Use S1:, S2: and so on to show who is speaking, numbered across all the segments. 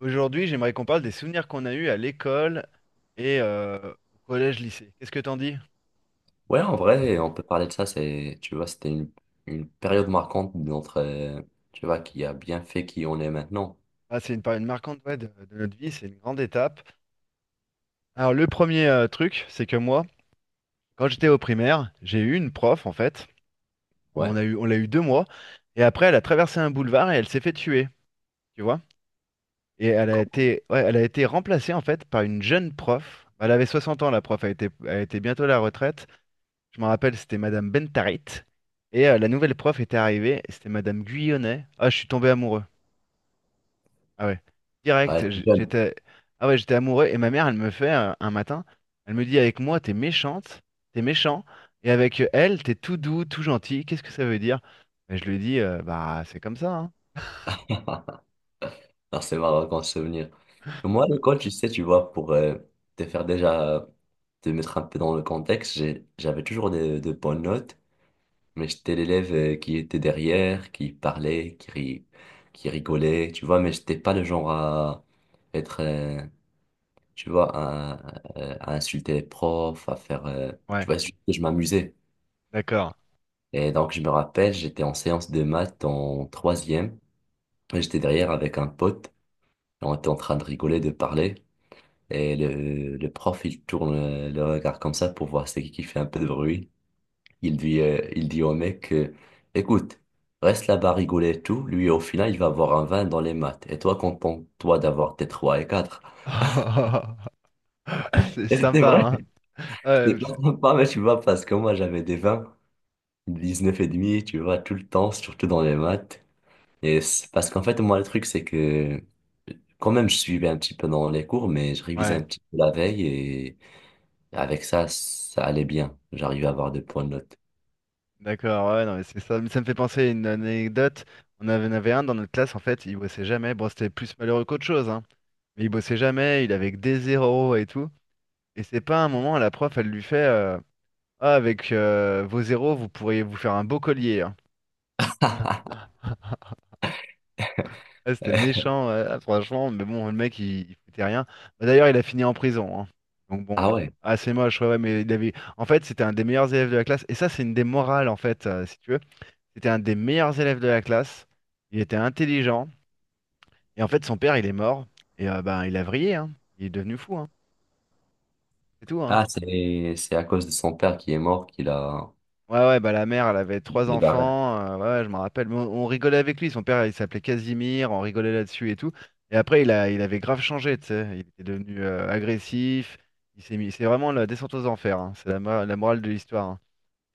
S1: Aujourd'hui, j'aimerais qu'on parle des souvenirs qu'on a eus à l'école et au collège-lycée. Qu'est-ce que t'en dis?
S2: Ouais, en vrai, on peut parler de ça. C'est, tu vois, c'était une période marquante de notre, tu vois, qui a bien fait qui on est maintenant.
S1: Ah, c'est une période marquante, ouais, de notre vie, c'est une grande étape. Alors le premier truc, c'est que moi, quand j'étais au primaire, j'ai eu une prof en fait.
S2: Ouais.
S1: On l'a eu 2 mois. Et après, elle a traversé un boulevard et elle s'est fait tuer, tu vois. Et
S2: Quand
S1: ouais, elle a été remplacée en fait par une jeune prof. Elle avait 60 ans, la prof, elle était bientôt à la retraite. Je me rappelle, c'était Madame Bentarit. Et la nouvelle prof était arrivée, et c'était Madame Guyonnet. Ah, je suis tombé amoureux. Ah ouais.
S2: on était
S1: Direct,
S2: jeune.
S1: j'étais. Ah ouais, j'étais amoureux. Et ma mère, elle me fait un matin, elle me dit, avec moi, t'es méchante, t'es méchant. Et avec elle, t'es tout doux, tout gentil. Qu'est-ce que ça veut dire? Et je lui dis, bah, c'est comme ça, hein.
S2: Alors, c'est marrant comme souvenir. Moi, à l'école, tu sais, tu vois, pour te faire déjà, te mettre un peu dans le contexte, j'avais toujours de bonnes notes, mais j'étais l'élève qui était derrière, qui parlait, qui rigolait, tu vois, mais j'étais pas le genre à être, tu vois, à insulter les profs, à faire, tu
S1: Ouais,
S2: vois, surtout que je m'amusais.
S1: d'accord.
S2: Et donc, je me rappelle, j'étais en séance de maths en troisième, et j'étais derrière avec un pote, et on était en train de rigoler, de parler, et le prof, il tourne le regard comme ça pour voir c'est qui fait un peu de bruit. Il dit au mec, écoute, reste là-bas à rigoler et tout, lui, au final, il va avoir un 20 dans les maths, et toi, contente-toi d'avoir tes 3 et quatre.
S1: C'est
S2: Et c'était
S1: sympa,
S2: vrai,
S1: hein. Ouais,
S2: c'était pas sympa, mais tu vois, parce que moi, j'avais des 20. 19,5, tu vois, tout le temps, surtout dans les maths. Parce qu'en fait, moi, le truc, c'est que quand même, je suivais un petit peu dans les cours, mais je révisais
S1: ouais.
S2: un petit peu la veille et avec ça, ça allait bien. J'arrivais à avoir des points de note.
S1: D'accord, ouais, non, mais c'est ça. Mais ça me fait penser à une anecdote. En avait un dans notre classe, en fait, il bossait jamais. Bon, c'était plus malheureux qu'autre chose, hein. Mais il bossait jamais, il avait que des zéros et tout. Et c'est pas un moment, la prof, elle lui fait ah, avec vos zéros, vous pourriez vous faire un beau collier, hein. Ouais, c'était méchant, ouais, ah, franchement. Mais bon, le mec, il foutait rien. Bah, d'ailleurs, il a fini en prison, hein. Donc bon,
S2: Ah ouais.
S1: ah, c'est moche, ouais, ouais, mais il avait. En fait, c'était un des meilleurs élèves de la classe. Et ça, c'est une des morales, en fait, si tu veux. C'était un des meilleurs élèves de la classe. Il était intelligent. Et en fait, son père, il est mort. Et ben, il a vrillé, hein. Il est devenu fou, hein. C'est tout, hein.
S2: Ah, c'est à cause de son père qui est mort qu'il a,
S1: Ouais, ouais, bah la mère, elle avait
S2: il
S1: trois
S2: est barré.
S1: enfants. Ouais, ouais, je m'en rappelle. Mais on rigolait avec lui. Son père, il s'appelait Casimir. On rigolait là-dessus et tout. Et après, il avait grave changé, tu sais. Il était devenu agressif. Il s'est mis. C'est vraiment la descente aux enfers, hein. C'est la morale de l'histoire, hein.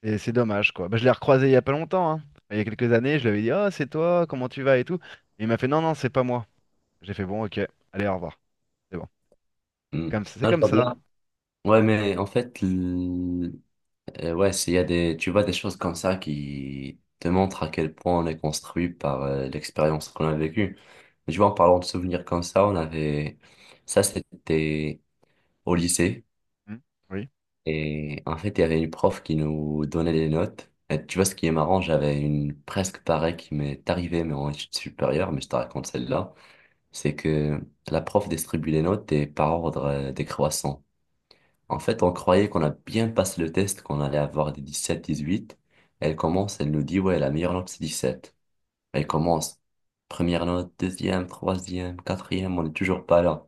S1: Et c'est dommage, quoi. Bah, je l'ai recroisé il y a pas longtemps, hein. Il y a quelques années, je lui avais dit, oh, c'est toi, comment tu vas et tout. Et il m'a fait, non, non, c'est pas moi. J'ai fait, bon, ok, allez, au revoir. C'est bon. C'est
S2: Hmm.
S1: comme, c'est
S2: Non, je
S1: comme
S2: vois bien.
S1: ça.
S2: Ouais, mais en fait, et ouais, s'il y a des, tu vois, des choses comme ça qui te montrent à quel point on est construit par l'expérience qu'on a vécue. Je vois, en parlant de souvenirs comme ça, on avait, ça c'était au lycée.
S1: Hmm. Oui.
S2: Et en fait, il y avait une prof qui nous donnait des notes. Et tu vois, ce qui est marrant, j'avais une presque pareille qui m'est arrivée, mais en études supérieures, mais je te raconte celle-là. C'est que la prof distribue les notes et par ordre décroissant. En fait, on croyait qu'on a bien passé le test, qu'on allait avoir des 17, 18. Elle commence, elle nous dit, ouais, la meilleure note, c'est 17. Elle commence, première note, deuxième, troisième, quatrième, on n'est toujours pas là.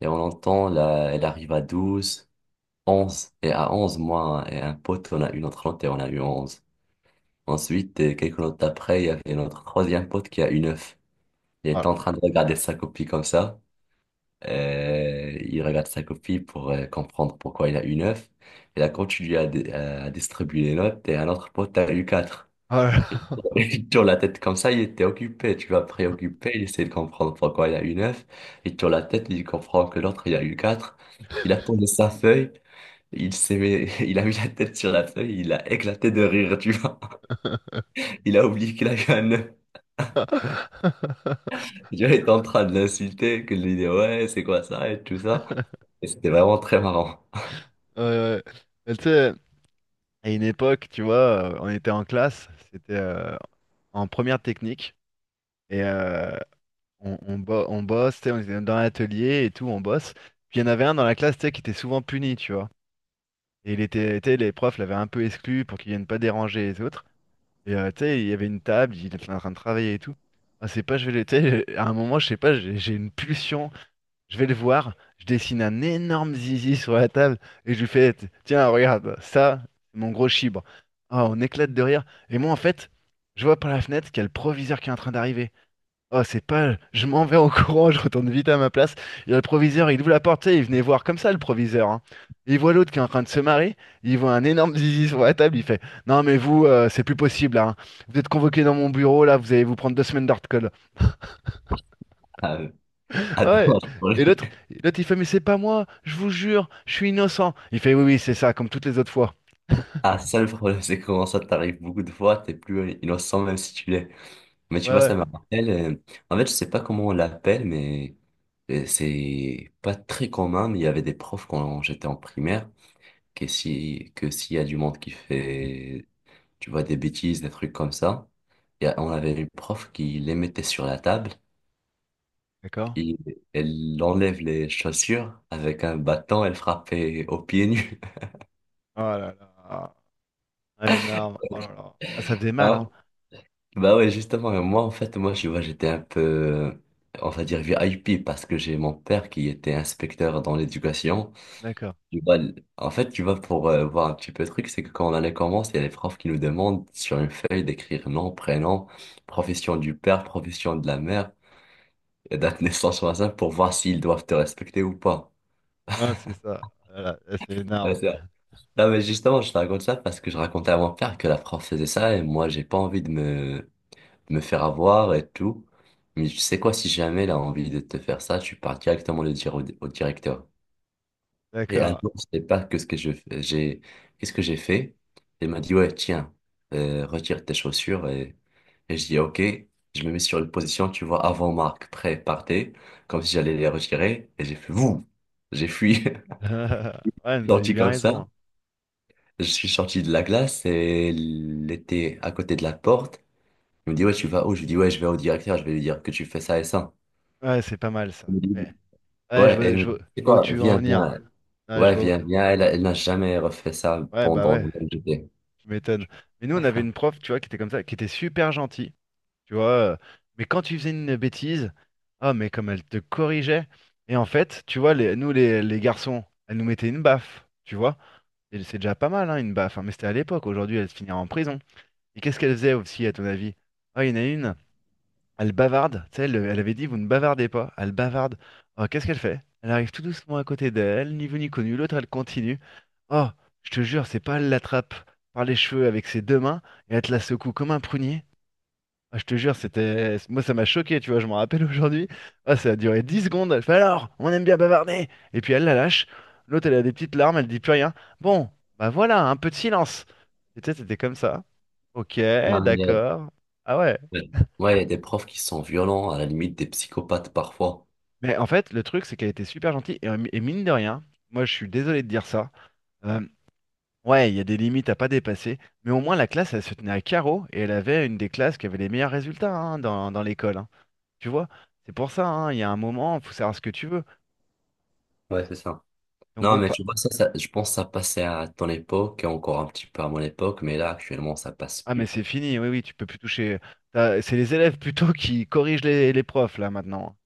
S2: Et on entend, là, elle arrive à 12, 11. Et à 11, moi et un pote, on a eu notre note et on a eu 11. Ensuite, quelques notes après, il y avait notre troisième pote qui a eu 9. Il
S1: Oh
S2: était en
S1: là
S2: train de regarder sa copie comme ça. Il regarde sa copie pour comprendre pourquoi il a eu neuf. Et là, quand tu lui as à distribuer les notes, et un autre pote a eu quatre.
S1: là.
S2: Il tourne la tête comme ça, il était occupé, tu vois, préoccupé, il essaie de comprendre pourquoi il a eu neuf. Il tourne la tête, il comprend que l'autre, il a eu quatre. Il a posé sa feuille, il a mis la tête sur la feuille, il a éclaté de rire, tu vois. Il a oublié qu'il a eu un 9.
S1: Oh là là.
S2: Tu vois, il était en train de l'insulter, que de lui dire, ouais, c'est quoi ça, et tout ça. Et c'était vraiment très marrant.
S1: Ouais, ouais. Mais tu sais, à une époque, tu vois, on était en classe, c'était en première technique, et on bosse, tu sais, on était dans l'atelier et tout, on bosse. Puis il y en avait un dans la classe, tu sais, qui était souvent puni, tu vois. Et tu sais, les profs l'avaient un peu exclu pour qu'il vienne pas déranger les autres. Et tu sais, il y avait une table, il était en train de travailler et tout. Ah, c'est pas, tu sais, à un moment, je sais pas, j'ai une pulsion. Je vais le voir, je dessine un énorme zizi sur la table et je lui fais, tiens, regarde, ça, c'est mon gros chibre. Ah, on éclate de rire. Et moi, en fait, je vois par la fenêtre qu'il y a le proviseur qui est en train d'arriver. Oh, c'est pas, je m'en vais en courant, je retourne vite à ma place. Il y a le proviseur, il ouvre la porte, tu sais, il venait voir comme ça le proviseur, hein. Il voit l'autre qui est en train de se marrer, il voit un énorme zizi sur la table, il fait, non mais vous, c'est plus possible là, hein. Vous êtes convoqué dans mon bureau là, vous allez vous prendre 2 semaines d'hard. Ouais.
S2: Attends,
S1: Et l'autre, il fait, mais c'est pas moi, je vous jure, je suis innocent. Il fait, oui, oui, c'est ça, comme toutes les autres fois.
S2: ah, ça le problème, c'est comment ça t'arrive beaucoup de fois, t'es plus innocent même si tu l'es. Mais tu
S1: Ouais,
S2: vois, ça
S1: ouais,
S2: me rappelle, en fait, je sais pas comment on l'appelle, mais c'est pas très commun, mais il y avait des profs quand j'étais en primaire, que si, que s'il y a du monde qui fait, tu vois, des bêtises, des trucs comme ça, on avait une prof qui les mettait sur la table,
S1: d'accord.
S2: et elle enlève les chaussures avec un bâton, elle frappait aux pieds nus.
S1: Oh là là, ah, énorme. Oh là là. Ah, ça faisait mal, hein.
S2: Bah ouais, justement, et moi, en fait, moi, tu vois, j'étais un peu, on va dire, VIP parce que j'ai mon père qui était inspecteur dans l'éducation.
S1: D'accord.
S2: Tu vois, en fait, tu vois, pour voir un petit peu le truc, c'est que quand l'année commence, il y a les profs qui nous demandent sur une feuille d'écrire nom, prénom, profession du père, profession de la mère et date de naissance sur la simple pour voir s'ils doivent te respecter ou pas.
S1: Ah, c'est ça. Voilà, ah, c'est
S2: Ouais,
S1: énorme.
S2: c'est vrai. Non, mais justement, je te raconte ça parce que je racontais à mon père que la prof faisait ça et moi, j'ai pas envie de me faire avoir et tout. Mais tu sais quoi, si jamais elle a envie de te faire ça, tu pars directement le dire au directeur. Et un
S1: D'accord.
S2: jour, je sais pas que ce que qu'est-ce que j'ai fait. Il m'a dit, ouais, tiens, retire tes chaussures. Et je dis, ok, je me mets sur une position, tu vois, avant Marc, prêt, partez, comme si j'allais les retirer. Et j'ai fait, vous, j'ai fui.
S1: Ouais,
S2: Je suis
S1: vous avez eu
S2: sorti
S1: bien
S2: comme ça.
S1: raison, hein.
S2: Je suis sorti de la glace et elle était à côté de la porte. Il me dit, ouais, tu vas où? Je lui dis, ouais, je vais au directeur, je vais lui dire que tu fais ça et ça.
S1: Ouais, c'est pas mal
S2: Elle
S1: ça.
S2: me dit-
S1: Mais, ouais,
S2: Ouais, elle me dit, c'est
S1: je vois où
S2: quoi?
S1: tu veux en
S2: Viens,
S1: venir.
S2: viens.
S1: Ouais, je
S2: Ouais,
S1: vois.
S2: viens, viens. Elle n'a jamais refait ça
S1: Ouais, bah
S2: pendant le
S1: ouais,
S2: MJT.
S1: je m'étonne. Mais nous, on avait une prof, tu vois, qui était comme ça, qui était super gentille. Tu vois. Mais quand tu faisais une bêtise, ah, mais comme elle te corrigeait. Et en fait, tu vois, les garçons, elle nous mettait une baffe, tu vois. Et c'est déjà pas mal, hein, une baffe, hein. Mais c'était à l'époque. Aujourd'hui, elle se finirait en prison. Et qu'est-ce qu'elle faisait aussi, à ton avis? Ah, il y en a une, elle bavarde. Tu sais, elle avait dit, vous ne bavardez pas. Elle bavarde. Ah, qu'est-ce qu'elle fait? Elle arrive tout doucement à côté d'elle, ni vu ni connu. L'autre, elle continue. Oh, je te jure, c'est pas, elle l'attrape par les cheveux avec ses deux mains et elle te la secoue comme un prunier. Ah, je te jure, c'était. Moi, ça m'a choqué, tu vois, je m'en rappelle aujourd'hui. Ah, ça a duré 10 secondes. Elle fait, alors, on aime bien bavarder. Et puis elle la lâche. L'autre, elle a des petites larmes, elle dit plus rien. Bon, bah voilà, un peu de silence. Et tu sais, c'était comme ça. Ok,
S2: Non, mais,
S1: d'accord. Ah ouais.
S2: ouais, ouais, il y a des profs qui sont violents, à la limite des psychopathes parfois.
S1: Mais en fait, le truc, c'est qu'elle était super gentille. Et mine de rien, moi, je suis désolé de dire ça. Euh, Ouais, il y a des limites à pas dépasser, mais au moins la classe, elle se tenait à carreau et elle avait une des classes qui avait les meilleurs résultats, hein, dans l'école, hein. Tu vois, c'est pour ça, hein, il y a un moment, il faut savoir ce que tu veux.
S2: Ouais, c'est ça.
S1: Donc
S2: Non,
S1: bon,
S2: mais tu vois, je pense que ça passait à ton époque et encore un petit peu à mon époque, mais là, actuellement, ça passe
S1: ah mais
S2: plus.
S1: c'est fini, oui, oui, tu peux plus toucher. C'est les élèves plutôt qui corrigent les profs là maintenant.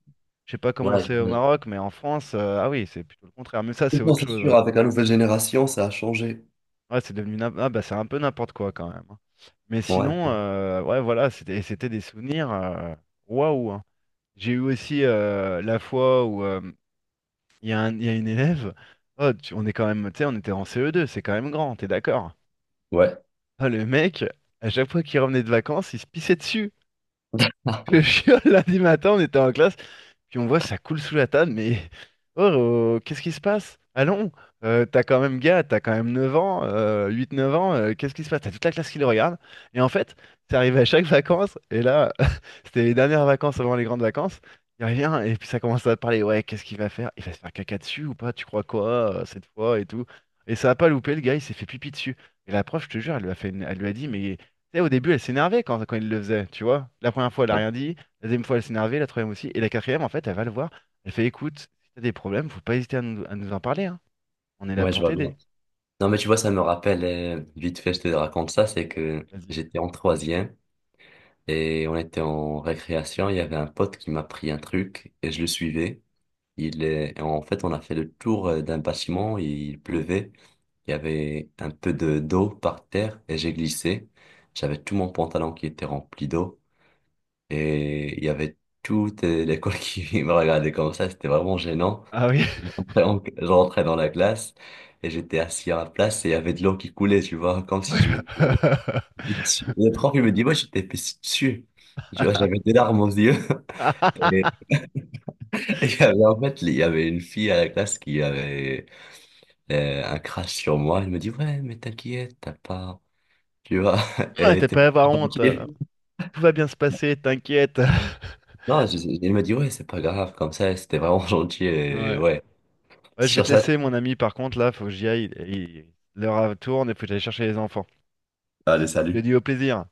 S1: Je sais pas comment
S2: Ouais,
S1: c'est au
S2: je...
S1: Maroc, mais en France, ah oui, c'est plutôt le contraire. Mais ça,
S2: je
S1: c'est
S2: pense
S1: autre
S2: que c'est
S1: chose,
S2: sûr,
S1: hein.
S2: avec la nouvelle génération, ça a changé.
S1: Ouais, c'est devenu ah bah c'est un peu n'importe quoi quand même, hein. Mais
S2: Ouais,
S1: sinon,
S2: ouais,
S1: ouais, voilà, c'était des souvenirs. Waouh, hein. J'ai eu aussi la fois où il y a une élève. Oh, on est quand même, tu sais, on était en CE2, c'est quand même grand, t'es d'accord? Ah, le mec, à chaque fois qu'il revenait de vacances, il se pissait dessus. Le chien, lundi matin, on était en classe. Puis on voit ça coule sous la table, mais oh, oh, qu'est-ce qui se passe? Allons, t'as quand même gars, t'as quand même 9 ans, 8-9 ans, qu'est-ce qui se passe? T'as toute la classe qui le regarde. Et en fait, c'est arrivé à chaque vacances, et là, c'était les dernières vacances avant les grandes vacances. Il revient, et puis ça commence à parler, ouais, qu'est-ce qu'il va faire? Il va se faire caca dessus ou pas? Tu crois quoi, cette fois et tout? Et ça a pas loupé, le gars, il s'est fait pipi dessus. Et la prof, je te jure, elle lui a dit, mais tu sais, au début, elle s'énervait quand il le faisait, tu vois. La première fois, elle a
S2: ouais,
S1: rien dit. La deuxième fois, elle s'est énervée, la troisième aussi. Et la quatrième, en fait, elle va le voir. Elle fait, écoute, si t'as des problèmes, faut pas hésiter à nous en parler, hein. On est là
S2: ouais, je
S1: pour
S2: vois bien.
S1: t'aider.
S2: Non, mais tu vois, ça me rappelle, vite fait, je te raconte ça, c'est que
S1: Vas-y.
S2: j'étais en troisième. Et on était en récréation, il y avait un pote qui m'a pris un truc et je le suivais. Et en fait, on a fait le tour d'un bâtiment, il pleuvait, il y avait un peu de d'eau par terre et j'ai glissé. J'avais tout mon pantalon qui était rempli d'eau et il y avait toute l'école qui me regardait comme ça, c'était vraiment gênant.
S1: Ah oui.
S2: Je rentrais, en- je rentrais dans la classe et j'étais assis à ma place et il y avait de l'eau qui coulait, tu vois, comme
S1: Ouais.
S2: si je m'étais Le prof, il me dit, moi, j'étais destitué. Tu vois, j'avais des larmes aux yeux. Et il y avait, en fait, il y avait une fille à la classe qui avait un crush sur moi. Elle me dit, ouais, mais t'inquiète, t'as pas, tu vois,
S1: Ouais,
S2: et
S1: t'as
S2: t'es
S1: pas
S2: pas
S1: à avoir honte.
S2: gentil.
S1: Tout va bien se passer, t'inquiète.
S2: Non, il me dit, ouais, c'est pas grave, comme ça, c'était vraiment gentil. Et
S1: Ouais.
S2: ouais,
S1: Ouais, je vais
S2: sur
S1: te
S2: ça,
S1: laisser, mon ami, par contre, là, faut que j'y aille. L'heure tourne et faut que j'aille chercher les enfants.
S2: allez,
S1: Je te
S2: salut.
S1: dis au plaisir.